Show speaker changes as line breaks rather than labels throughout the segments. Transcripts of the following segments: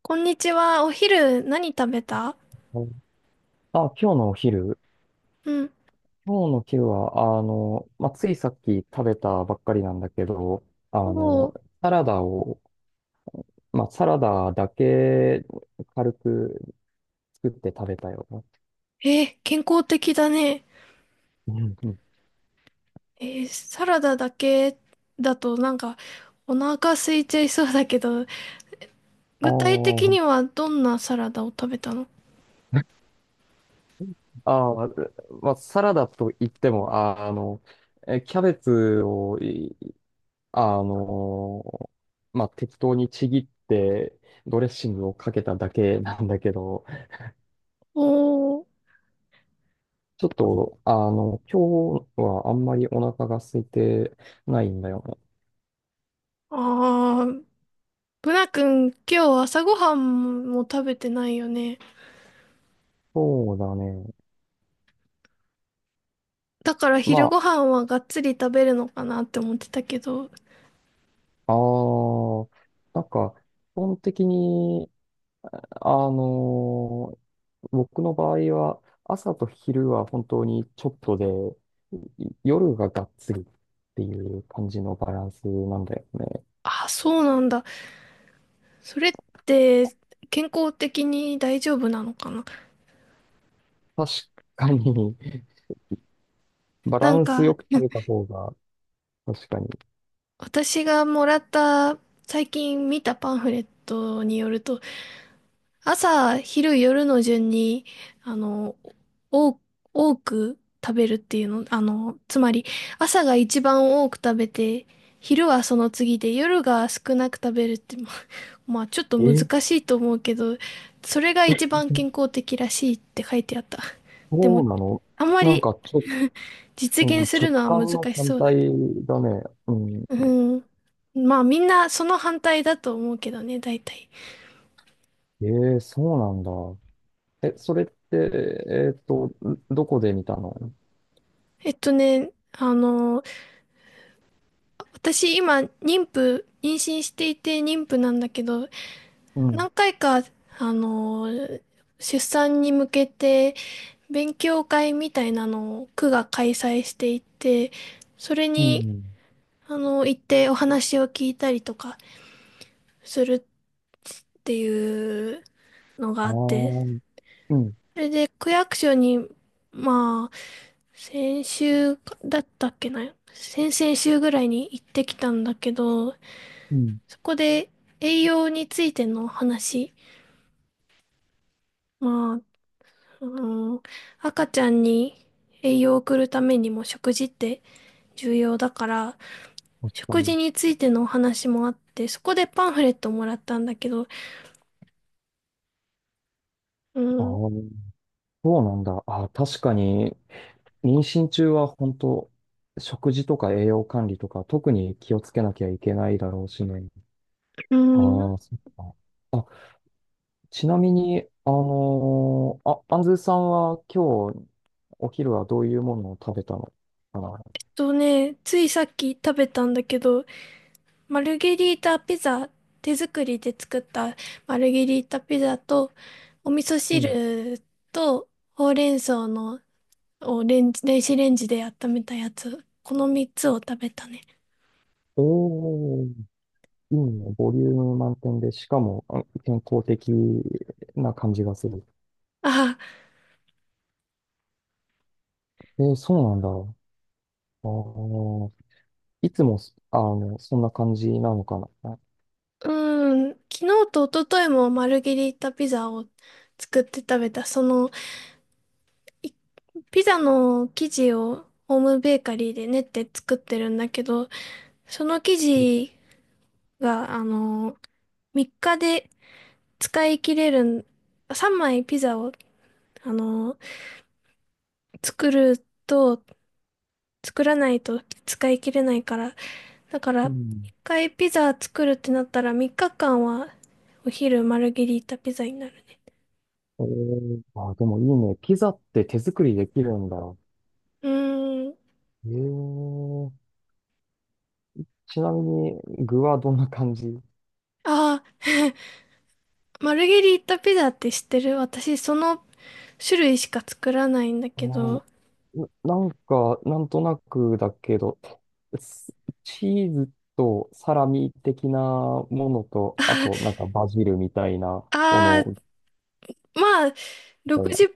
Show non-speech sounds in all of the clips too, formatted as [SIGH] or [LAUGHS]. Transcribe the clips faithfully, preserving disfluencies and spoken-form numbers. こんにちは。お昼何食べた？
はい。あ、今日のお昼。
うん。
今日のお昼は、あの、まあ、ついさっき食べたばっかりなんだけど、あ
お
の、
ー。
サラダを、まあ、サラダだけ軽く作って食べたよ。
えー、健康的だね。
うんうん。
えーサラダだけだとなんかお腹空いちゃいそうだけど、
あ
具体的
ー
にはどんなサラダを食べたの？
あー、まあ、サラダといっても、ああの、えキャベツをい、あの、まあ、適当にちぎって、ドレッシングをかけただけなんだけど、
おー。
ちょっと、あの、今日はあんまりお腹が空いてないんだよね。
あー、ブナ君今日朝ごはんも食べてないよね。
そうだね。
だから昼
ま
ごはんはがっつり食べるのかなって思ってたけど。
あ、あー、なんか、基本的に、あのー僕の場合は、朝と昼は本当にちょっとで、い夜ががっつりっていう感じのバランスなんだよね。
あ、そうなんだ。それって健康的に大丈夫なのかな？
確かに、バラ
なん
ン
か、
スよく食べた方が、確かに。
私がもらった最近見たパンフレットによると、朝昼夜の順にあの多多く食べるっていうの、あのつまり朝が一番多く食べて、昼はその次で、夜が少なく食べるって、ままあちょっと難
え、
しいと思うけど、それが一番健康的らしいって書いてあった。で
そ
も
うなの？
あんま
なん
り、
かちょっ
[LAUGHS] 実
う
現
ん、
する
直
のは
感
難
の
し
反
そうだ
対
けど。
だね。うん。
うん。まあみんなその反対だと思うけどね、大体。
ええ、そうなんだ。え、それって、えっと、んどこで見たの？
えっとね、あの、私今妊婦、妊娠していて妊婦なんだけど、
うん。
何回か、あの、出産に向けて勉強会みたいなのを区が開催していて、それ
う
に、
ん。
あの、行ってお話を聞いたりとかするっていうのが
あ
あって、
あ、うん。
それで区役所に、まあ、先週かだったっけな、先々週ぐらいに行ってきたんだけど、
うん。
そこで栄養についての話、まあ、あの、赤ちゃんに栄養を送るためにも食事って重要だから、
確か
食
に。
事についてのお話もあって、そこでパンフレットもらったんだけど、う
あ
ん。
あ、そうなんだ。ああ、確かに、妊娠中は本当、食事とか栄養管理とか、特に気をつけなきゃいけないだろうしね。
う
あ
ん。
あ、そっか。あ、ちなみに、あのーあ、アンズさんは今日お昼はどういうものを食べたのかな？
とね、ついさっき食べたんだけど、マルゲリータピザ、手作りで作ったマルゲリータピザと、お味噌
うん。
汁と、ほうれん草のをレンジ、電子レンジで温めたやつ、このみっつを食べたね。
おー、いいね。ボリューム満点で、しかもあ健康的な感じがする。
あ、
えーそうなんだ。あーいつもそ、あの、そんな感じなのかな。
うーん、昨日と一昨日もマルゲリータピザを作って食べた。その、いピザの生地をホームベーカリーで練って作ってるんだけど、その生地が、あの、みっかで使い切れる、さん、さんまいピザを、あの作ると、作らないと使い切れないから。だから、
うん。
いっかいピザ作るってなったらみっかかんはお昼マルゲリータピザになるね。
えー、あー、でもいいね。ピザって手作りできるんだ。
うーん。
えー、ちなみに具はどんな感じ？
ああ、マルゲリータピザって知ってる？私、その種類しか作らないんだ
ああ
け
ー、
ど。[LAUGHS]
な、なんか、なんとなくだけど、スチーズとサラミ的なものと、あ
あ
と、なんかバジルみたいなも
あ、
の
まあ、
みたい
6
な。
セ6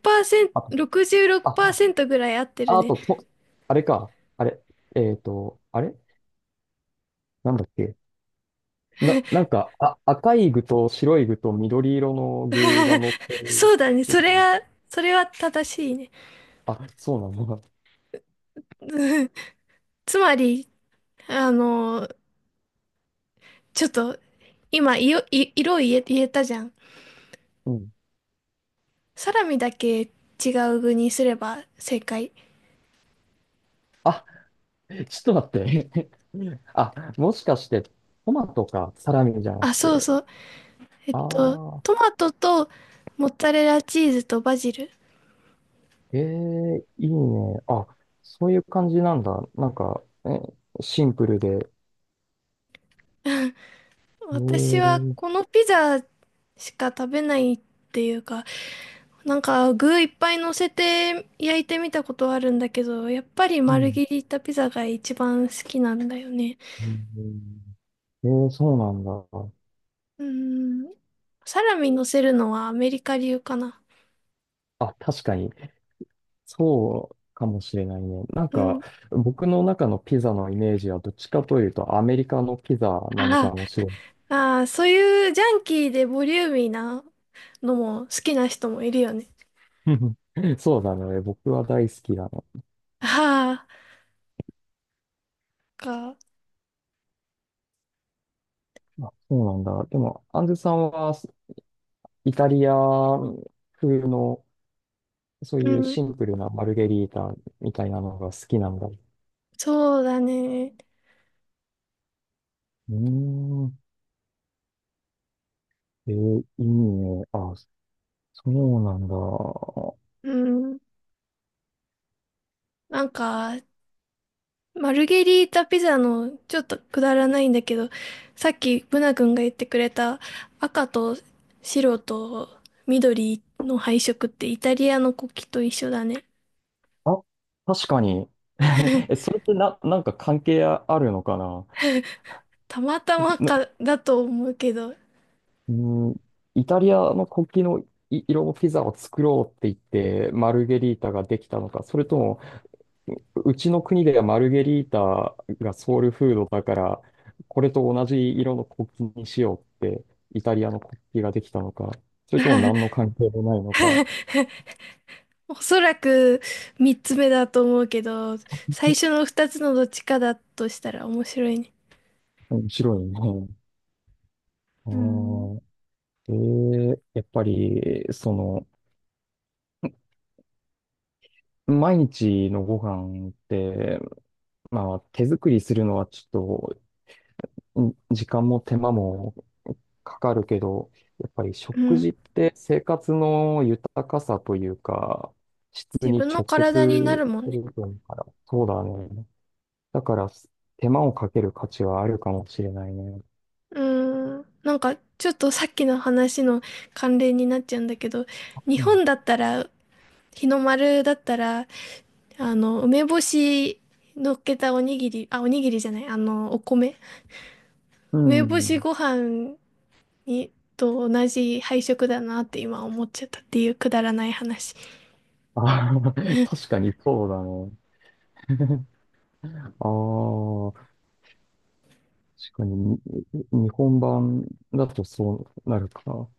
あと、
トろくじゅうろく
あ、
パーセントぐらい合ってる
ああ
ね。
と、と、あれか。あれ。えっと、あれなんだっけ。な、なんか、あ、赤い具と白い具と緑色の具が
[LAUGHS]
乗って
そ
る
うだね。
こ
そ
と
れ
が。
が、それは正しいね。
あ、そうなの。
[LAUGHS] つまり、あの、ちょっと、今、いよい色を言え、言えたじゃん。
うん。
サラミだけ違う具にすれば正解。
あ、ちょっと待って。[LAUGHS] あ、もしかして、トマトか、サラミじゃな
あ、
く
そう
て。
そう。えっ
あ
と、ト
あ。
マトとモッツァレラチーズとバジル。
ええ、いいね。あ、そういう感じなんだ。なんか、え、シンプルで。ええ。
私は
う
このピザしか食べないっていうか、なんか具いっぱい乗せて焼いてみたことはあるんだけど、やっぱり丸切りい
ん
ったピザが一番好きなんだよね。
うん。ええ、そうなんだ。
うーん。サラミ乗せるのはアメリカ流かな。
あ、確かに。そうかもしれないね。なん
う
か、
ん。
僕の中のピザのイメージはどっちかというとアメリカのピザなのか
あ
もしれな
あ、ああ、そういうジャンキーでボリューミーなのも好きな人もいるよね。
い。[LAUGHS] そうだね。僕は大好きだね。
ああ、か。
あ、そうなんだ。でも、アンズさんはイタリア風のそう
う
いう
ん。
シンプルなマルゲリータみたいなのが好きなんだ。う
そうだね。
ーん。えーいいね。あ、そうなんだ。
うん。なんか、マルゲリータピザのちょっとくだらないんだけど、さっきブナ君が言ってくれた赤と白と緑の配色って、イタリアの国旗と一緒だね。
あ、確かに。[LAUGHS] え、それってな、なんか関係あるのかな、
たまたま
な、
かだと思うけど、
うーん、イタリアの国旗のい色のピザを作ろうって言って、マルゲリータができたのか、それとも、うちの国ではマルゲリータがソウルフードだから、これと同じ色の国旗にしようって、イタリアの国旗ができたのか、それとも何の関係もないのか、
おそらく三つ目だと思うけど、最初の二つのどっちかだとしたら面白いね。
面白いね。あ
うん。
ーえー、やっぱり、その、毎日のご飯って、まあ、手作りするのはちょっと、ん時間も手間もかかるけど、やっぱり
う
食
ん。
事って生活の豊かさというか、質
自
に
分の
直
体になる
結
もん
す
ね。
ると思うから、そうだね。だから、手間をかける価値はあるかもしれないね。
うん。なんか、ちょっとさっきの話の関連になっちゃうんだけど、
う
日
ん。
本だったら、日の丸だったら、あの、梅干し乗っけたおにぎり、あ、おにぎりじゃない、あの、お米。
う
梅干し
ん。
ご飯に、と同じ配色だなって今思っちゃったっていうくだらない話。
あー [LAUGHS] 確かにそうだね。ああ、確かに、に日本版だとそうなるかな。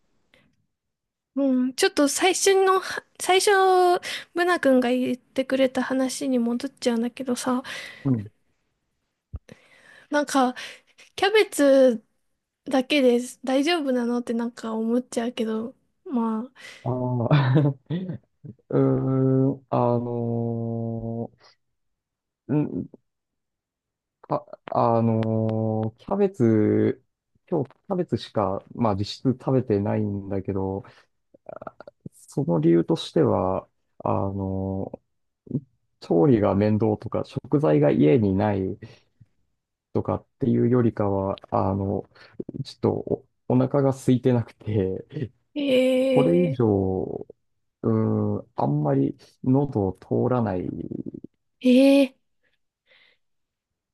うん、ちょっと最初の最初、ブナ君が言ってくれた話に戻っちゃうんだけどさ、
うん。
なんか、キャベツだけで大丈夫なのってなんか思っちゃうけど、まあ、
ああ、[LAUGHS] うーん、あのーんか、あのーキャベツ、今日キャベツしか、まあ実質食べてないんだけど、その理由としては、あのー調理が面倒とか、食材が家にないとかっていうよりかは、あの、ちょっとお、お腹が空いてなくて、これ以
え
上、うん、あんまり喉を通らないん
ー、えー、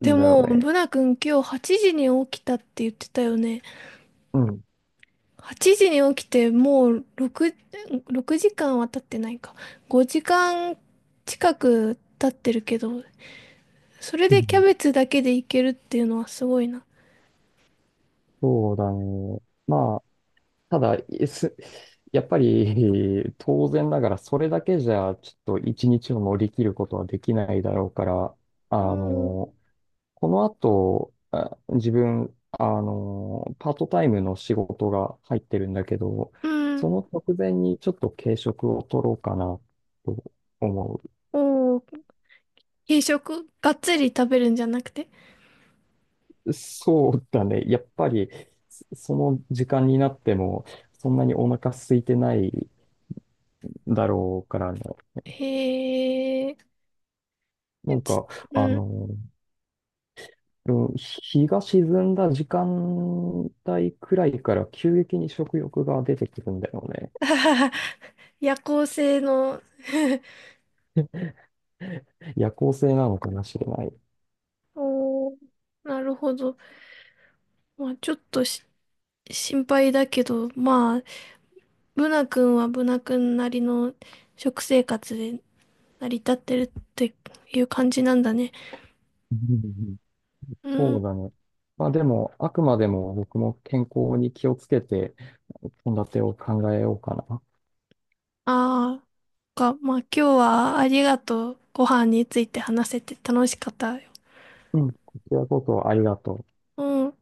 で
だよ
も、
ね。
ブナ君今日はちじに起きたって言ってたよね。
うん。
はちじに起きてもうろく、ろくじかんは経ってないか。ごじかん近く経ってるけど、それ
う
でキャ
ん。
ベツだけでいけるっていうのはすごいな。
そうだね。まあ、ただ、えす [LAUGHS] やっぱり [LAUGHS] 当然ながらそれだけじゃちょっと一日を乗り切ることはできないだろうから、あ
おー、
の、この後、あ自分、あの、パートタイムの仕事が入ってるんだけど、
うん。
その直前にちょっと軽食を取ろうかなと思
おー、軽食がっつり食べるんじゃなくて。
う。そうだね。やっぱりそその時間になってもそんなにお腹空いてないだろうからね。
へえ、
なん
ち、
か、
う
あ
ん。
のうん日が沈んだ時間帯くらいから急激に食欲が出てくるんだよね。
[LAUGHS] 夜行性の。
夜行性なのかもしれない。うん
おー、なるほど。まあ、ちょっとし、心配だけど、まあ、ブナ君はブナ君なりの食生活で成り立ってるっていう感じなんだね。
うんうん。
う
そ
ん。
うだね。まあでも、あくまでも僕も健康に気をつけて、献立を考えようかな。
ああ、か、まあ今日はありがとう。ご飯について話せて楽しかったよ。
うん。こちらこそありがとう。
うん。